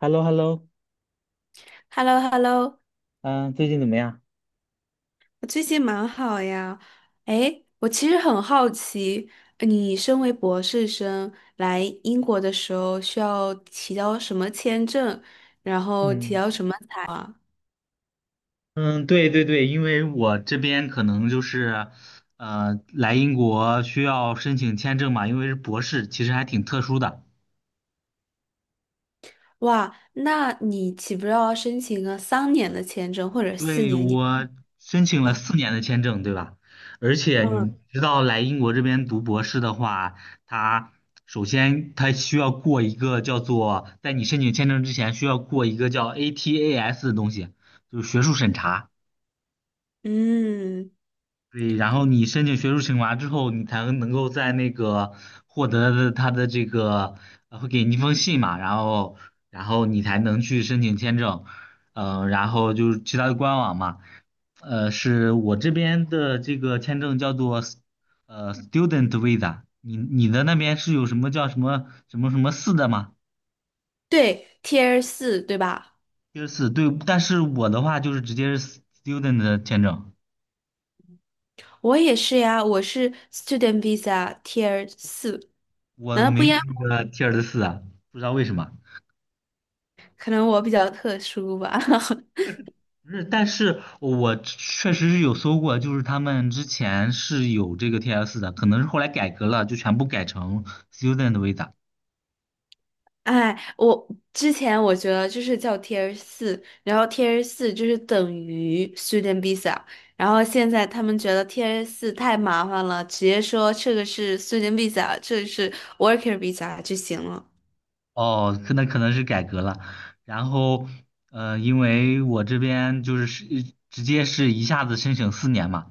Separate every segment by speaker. Speaker 1: h e l l o h e l l o
Speaker 2: h e l l o h e l l o
Speaker 1: 嗯，最近怎么样？
Speaker 2: 我最近蛮好呀。哎，我其实很好奇，你身为博士生来英国的时候需要提交什么签证，然后提
Speaker 1: 嗯，
Speaker 2: 交什么材啊？
Speaker 1: 嗯，对对对，因为我这边可能就是，来英国需要申请签证嘛，因为是博士，其实还挺特殊的。
Speaker 2: 哇，那你岂不是要申请个三年的签证或者四
Speaker 1: 对，
Speaker 2: 年你
Speaker 1: 我申请了
Speaker 2: 呢？
Speaker 1: 四年的签证，对吧？而且
Speaker 2: 嗯
Speaker 1: 你知道，来英国这边读博士的话，它首先它需要过一个叫做，在你申请签证之前需要过一个叫 ATAS 的东西，就是学术审查。
Speaker 2: 嗯，
Speaker 1: 对，然后你申请学术惩罚之后，你才能够在那个获得的他的这个，会给你一封信嘛，然后你才能去申请签证，然后就是其他的官网嘛，是我这边的这个签证叫做 student visa，你的那边是有什么叫什么什么什么四的吗？
Speaker 2: 对，Tier 四对吧？
Speaker 1: 第四，对，但是我的话就是直接是 student 的签证，
Speaker 2: 我也是呀，我是 Student Visa Tier 四，
Speaker 1: 我
Speaker 2: 难道
Speaker 1: 没
Speaker 2: 不
Speaker 1: 有
Speaker 2: 一样？
Speaker 1: 那个 T I E 四啊，不知道为什么。
Speaker 2: 可能我比较特殊吧。
Speaker 1: 不是，但是我确实是有搜过，就是他们之前是有这个 TS 的，可能是后来改革了，就全部改成 Student Visa。
Speaker 2: 哎，我之前觉得就是叫 Tier 四，然后 Tier 四就是等于 Student Visa,然后现在他们觉得 Tier 四太麻烦了，直接说这个是 Student Visa,这个是 Worker Visa 就行了。
Speaker 1: 哦，可能是改革了。然后，因为我这边就是直接是一下子申请四年嘛，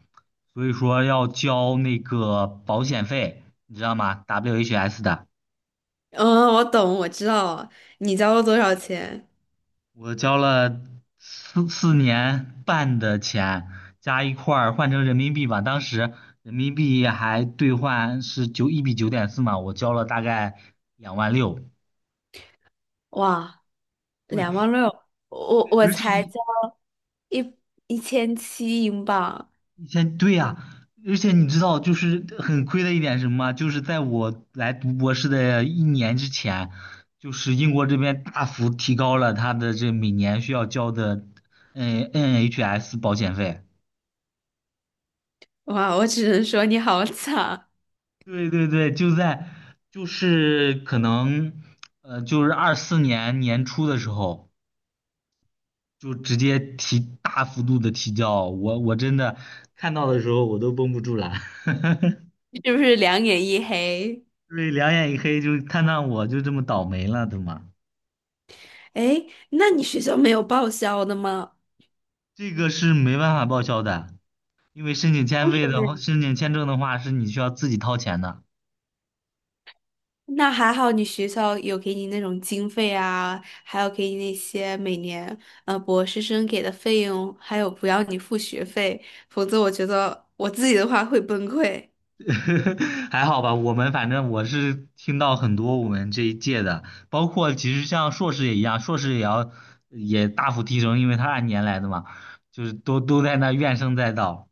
Speaker 1: 所以说要交那个保险费，你知道吗？WHS 的。
Speaker 2: 嗯，我懂，我知道了。你交了多少钱？
Speaker 1: 我交了四年半的钱，加一块儿换成人民币吧。当时人民币还兑换是一比九点四嘛，我交了大概2万6。
Speaker 2: 哇，
Speaker 1: 对，
Speaker 2: 两万六，我
Speaker 1: 而且
Speaker 2: 才
Speaker 1: 你
Speaker 2: 交一一千七英镑。
Speaker 1: 以前对呀。而且你知道就是很亏的一点是什么吗？就是在我来读博士的一年之前，就是英国这边大幅提高了他的这每年需要交的NHS 保险费。
Speaker 2: 哇，我只能说你好惨，
Speaker 1: 对对对，就是可能就是24年年初的时候，就直接提大幅度的提交，我真的看到的时候我都绷不住了，
Speaker 2: 是不是两眼一黑？
Speaker 1: 对，两眼一黑，就看到我就这么倒霉了的嘛。
Speaker 2: 哎，那你学校没有报销的吗？
Speaker 1: 这个是没办法报销的，因为
Speaker 2: 为什么呀？
Speaker 1: 申请签证的话是你需要自己掏钱的。
Speaker 2: 那还好，你学校有给你那种经费啊，还有给你那些每年博士生给的费用，还有不要你付学费，否则我觉得我自己的话会崩溃。
Speaker 1: 还好吧，反正我是听到很多我们这一届的，包括其实像硕士也一样，硕士也要也大幅提升，因为他按年来的嘛，就是都在那怨声载道。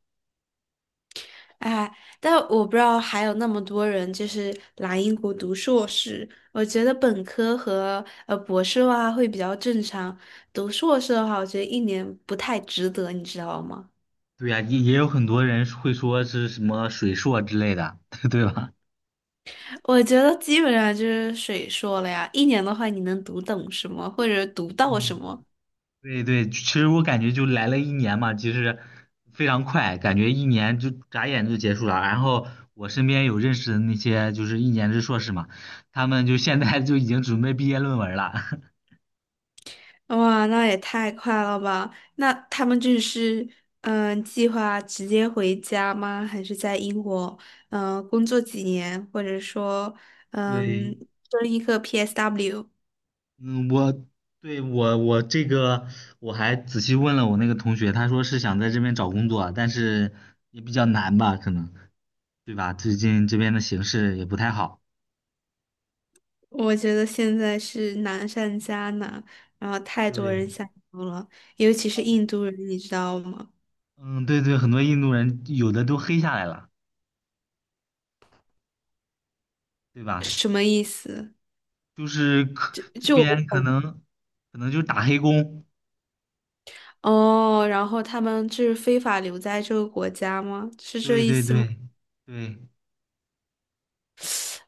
Speaker 2: 哎，但我不知道还有那么多人就是来英国读硕士，我觉得本科和博士的话会比较正常，读硕士的话，我觉得一年不太值得，你知道吗？
Speaker 1: 对呀。也有很多人会说是什么水硕之类的，对吧？
Speaker 2: 我觉得基本上就是水说了呀，一年的话你能读懂什么，或者读到
Speaker 1: 嗯。
Speaker 2: 什么？
Speaker 1: 对对，其实我感觉就来了一年嘛，其实非常快，感觉一年就眨眼就结束了。然后我身边有认识的那些就是一年制硕士嘛，他们就现在就已经准备毕业论文了。
Speaker 2: 哇，那也太快了吧！那他们就是嗯，计划直接回家吗？还是在英国嗯工作几年，或者说嗯
Speaker 1: 对。
Speaker 2: 争一个 PSW?
Speaker 1: 嗯，我对我这个我还仔细问了我那个同学，他说是想在这边找工作，但是也比较难吧，可能，对吧？最近这边的形势也不太好。
Speaker 2: 我觉得现在是难上加难，然后太多
Speaker 1: 对。
Speaker 2: 人想读了，尤其是
Speaker 1: 他
Speaker 2: 印度人，你知道吗？
Speaker 1: 嗯，对对，很多印度人有的都黑下来了，对吧？
Speaker 2: 什么意思？
Speaker 1: 就是这
Speaker 2: 就
Speaker 1: 边可
Speaker 2: 我。
Speaker 1: 能可能就是打黑工。
Speaker 2: 哦，然后他们就是非法留在这个国家吗？是这
Speaker 1: 对
Speaker 2: 意
Speaker 1: 对
Speaker 2: 思吗？
Speaker 1: 对对，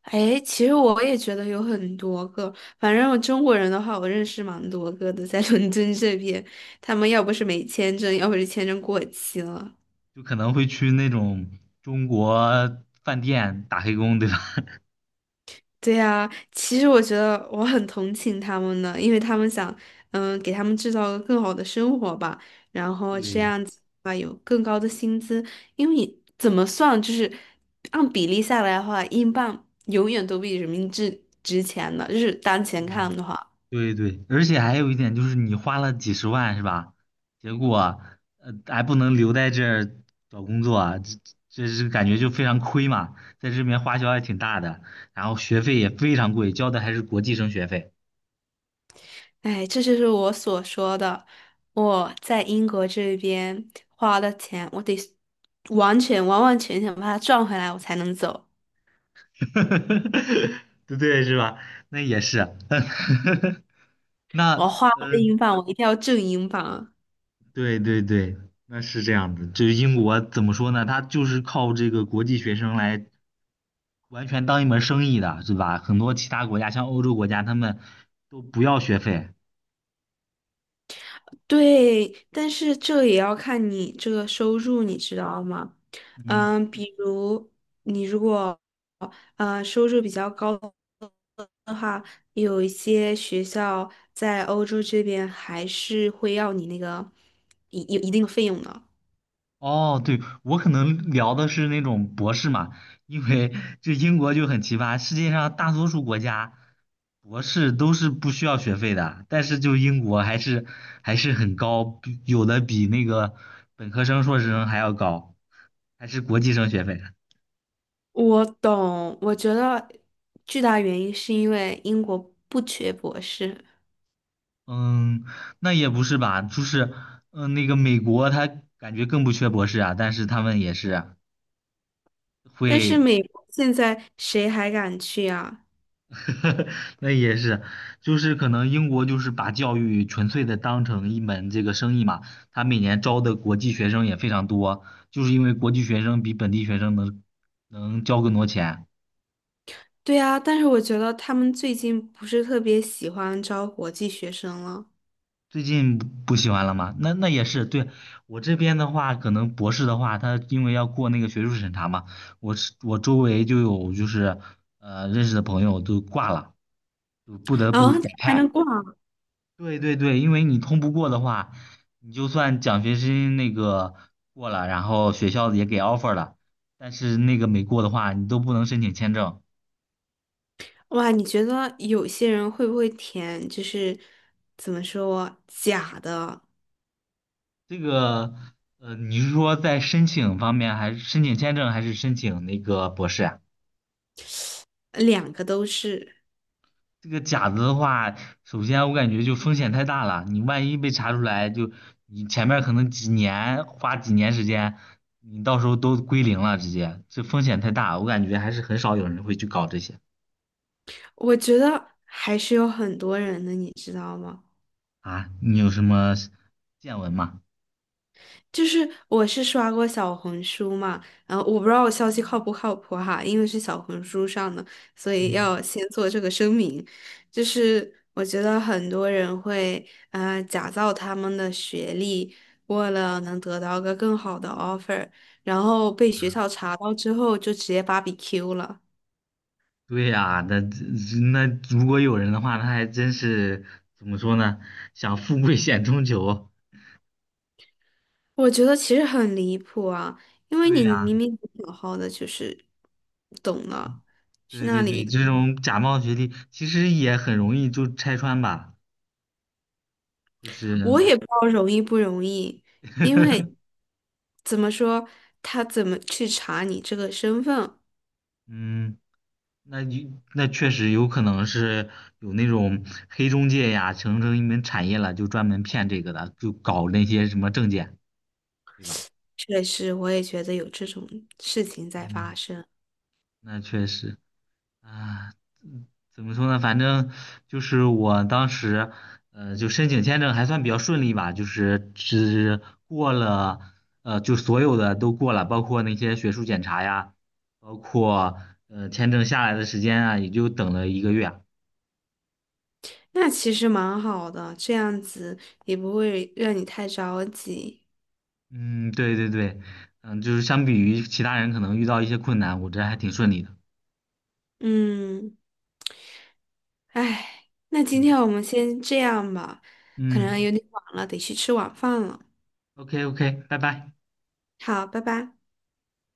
Speaker 2: 哎，其实我也觉得有很多个，反正我中国人的话，我认识蛮多个的，在伦敦这边，他们要不是没签证，要不是签证过期了。
Speaker 1: 就可能会去那种中国饭店打黑工，对吧？
Speaker 2: 对呀，其实我觉得我很同情他们呢，因为他们想，嗯，给他们制造更好的生活吧，然后这
Speaker 1: 对
Speaker 2: 样子啊，有更高的薪资，因为你怎么算，就是按比例下来的话，英镑永远都比人民币值钱的，就是当前看的话，
Speaker 1: 对对对，而且还有一点就是你花了几十万是吧？结果还不能留在这儿找工作啊，这是感觉就非常亏嘛，在这边花销还挺大的，然后学费也非常贵，交的还是国际生学费。
Speaker 2: 哎，这就是我所说的，我在英国这边花的钱，我得完全完完全全把它赚回来，我才能走，
Speaker 1: 对对是吧？那也是啊，那
Speaker 2: 我花了
Speaker 1: 呃，
Speaker 2: 英镑，我一定要挣英镑啊
Speaker 1: 对对对，那是这样子。就是英国怎么说呢？它就是靠这个国际学生来完全当一门生意的，是吧？很多其他国家，像欧洲国家，他们都不要学费。
Speaker 2: 对，但是这也要看你这个收入，你知道吗？
Speaker 1: 嗯，
Speaker 2: 嗯，比如你如果收入比较高的话，有一些学校在欧洲这边还是会要你那个一有一定的费用的。
Speaker 1: 哦，对，我可能聊的是那种博士嘛，因为就英国就很奇葩，世界上大多数国家博士都是不需要学费的，但是就英国还是很高，比有的比那个本科生、硕士生还要高，还是国际生学费。
Speaker 2: 我懂，我觉得巨大原因是因为英国不缺博士，
Speaker 1: 嗯，那也不是吧，就是那个美国他感觉更不缺博士啊，但是他们也是
Speaker 2: 但是
Speaker 1: 会。
Speaker 2: 美国现在谁还敢去啊？
Speaker 1: 那也是，就是可能英国就是把教育纯粹的当成一门这个生意嘛，他每年招的国际学生也非常多，就是因为国际学生比本地学生能交更多钱。
Speaker 2: 对啊，但是我觉得他们最近不是特别喜欢招国际学生了
Speaker 1: 最近不喜欢了吗？那也是。对，我这边的话，可能博士的话，他因为要过那个学术审查嘛，我周围就有认识的朋友都挂了，就不得
Speaker 2: 啊，
Speaker 1: 不
Speaker 2: 这
Speaker 1: 改
Speaker 2: 还能
Speaker 1: 派。
Speaker 2: 挂？
Speaker 1: 对对对，因为你通不过的话，你就算奖学金那个过了，然后学校也给 offer 了，但是那个没过的话，你都不能申请签证。
Speaker 2: 哇，你觉得有些人会不会填就是怎么说假的，
Speaker 1: 这个，你是说在申请方面，还是申请签证，还是申请那个博士呀？
Speaker 2: 两个都是？
Speaker 1: 这个假的的话，首先我感觉就风险太大了，你万一被查出来，就你前面可能几年花几年时间，你到时候都归零了，直接，这风险太大，我感觉还是很少有人会去搞这些。
Speaker 2: 我觉得还是有很多人的，你知道吗？
Speaker 1: 啊，你有什么见闻吗？
Speaker 2: 就是我是刷过小红书嘛，然后我不知道我消息靠不靠谱哈，因为是小红书上的，所以
Speaker 1: 嗯，
Speaker 2: 要先做这个声明。就是我觉得很多人会假造他们的学历，为了能得到个更好的 offer,然后被学校查到之后就直接 b 比 q 了。
Speaker 1: 对呀。那如果有人的话，他还真是怎么说呢？想富贵险中求。
Speaker 2: 我觉得其实很离谱啊，因为
Speaker 1: 对
Speaker 2: 你
Speaker 1: 呀，
Speaker 2: 明明好好的就是懂了，去
Speaker 1: 对
Speaker 2: 那
Speaker 1: 对对，
Speaker 2: 里。
Speaker 1: 这种假冒学历其实也很容易就拆穿吧，就是，
Speaker 2: 我也不知道容易不容易，因为 怎么说，他怎么去查你这个身份，
Speaker 1: 嗯，那就那确实有可能是有那种黑中介呀，形成一门产业了，就专门骗这个的，就搞那些什么证件，对吧？
Speaker 2: 确实我也觉得有这种事情在发
Speaker 1: 嗯，
Speaker 2: 生。
Speaker 1: 那确实。啊，嗯怎么说呢？反正就是我当时，就申请签证还算比较顺利吧，就是只过了，就所有的都过了，包括那些学术检查呀，包括签证下来的时间啊，也就等了一个月啊。
Speaker 2: 那其实蛮好的，这样子也不会让你太着急。
Speaker 1: 嗯，对对对，嗯，就是相比于其他人可能遇到一些困难，我这还挺顺利的。
Speaker 2: 嗯，哎，那今
Speaker 1: 嗯
Speaker 2: 天我们先这样吧，可能
Speaker 1: 嗯
Speaker 2: 有点晚了，得去吃晚饭了。
Speaker 1: ，OK OK，拜拜。
Speaker 2: 好，拜拜。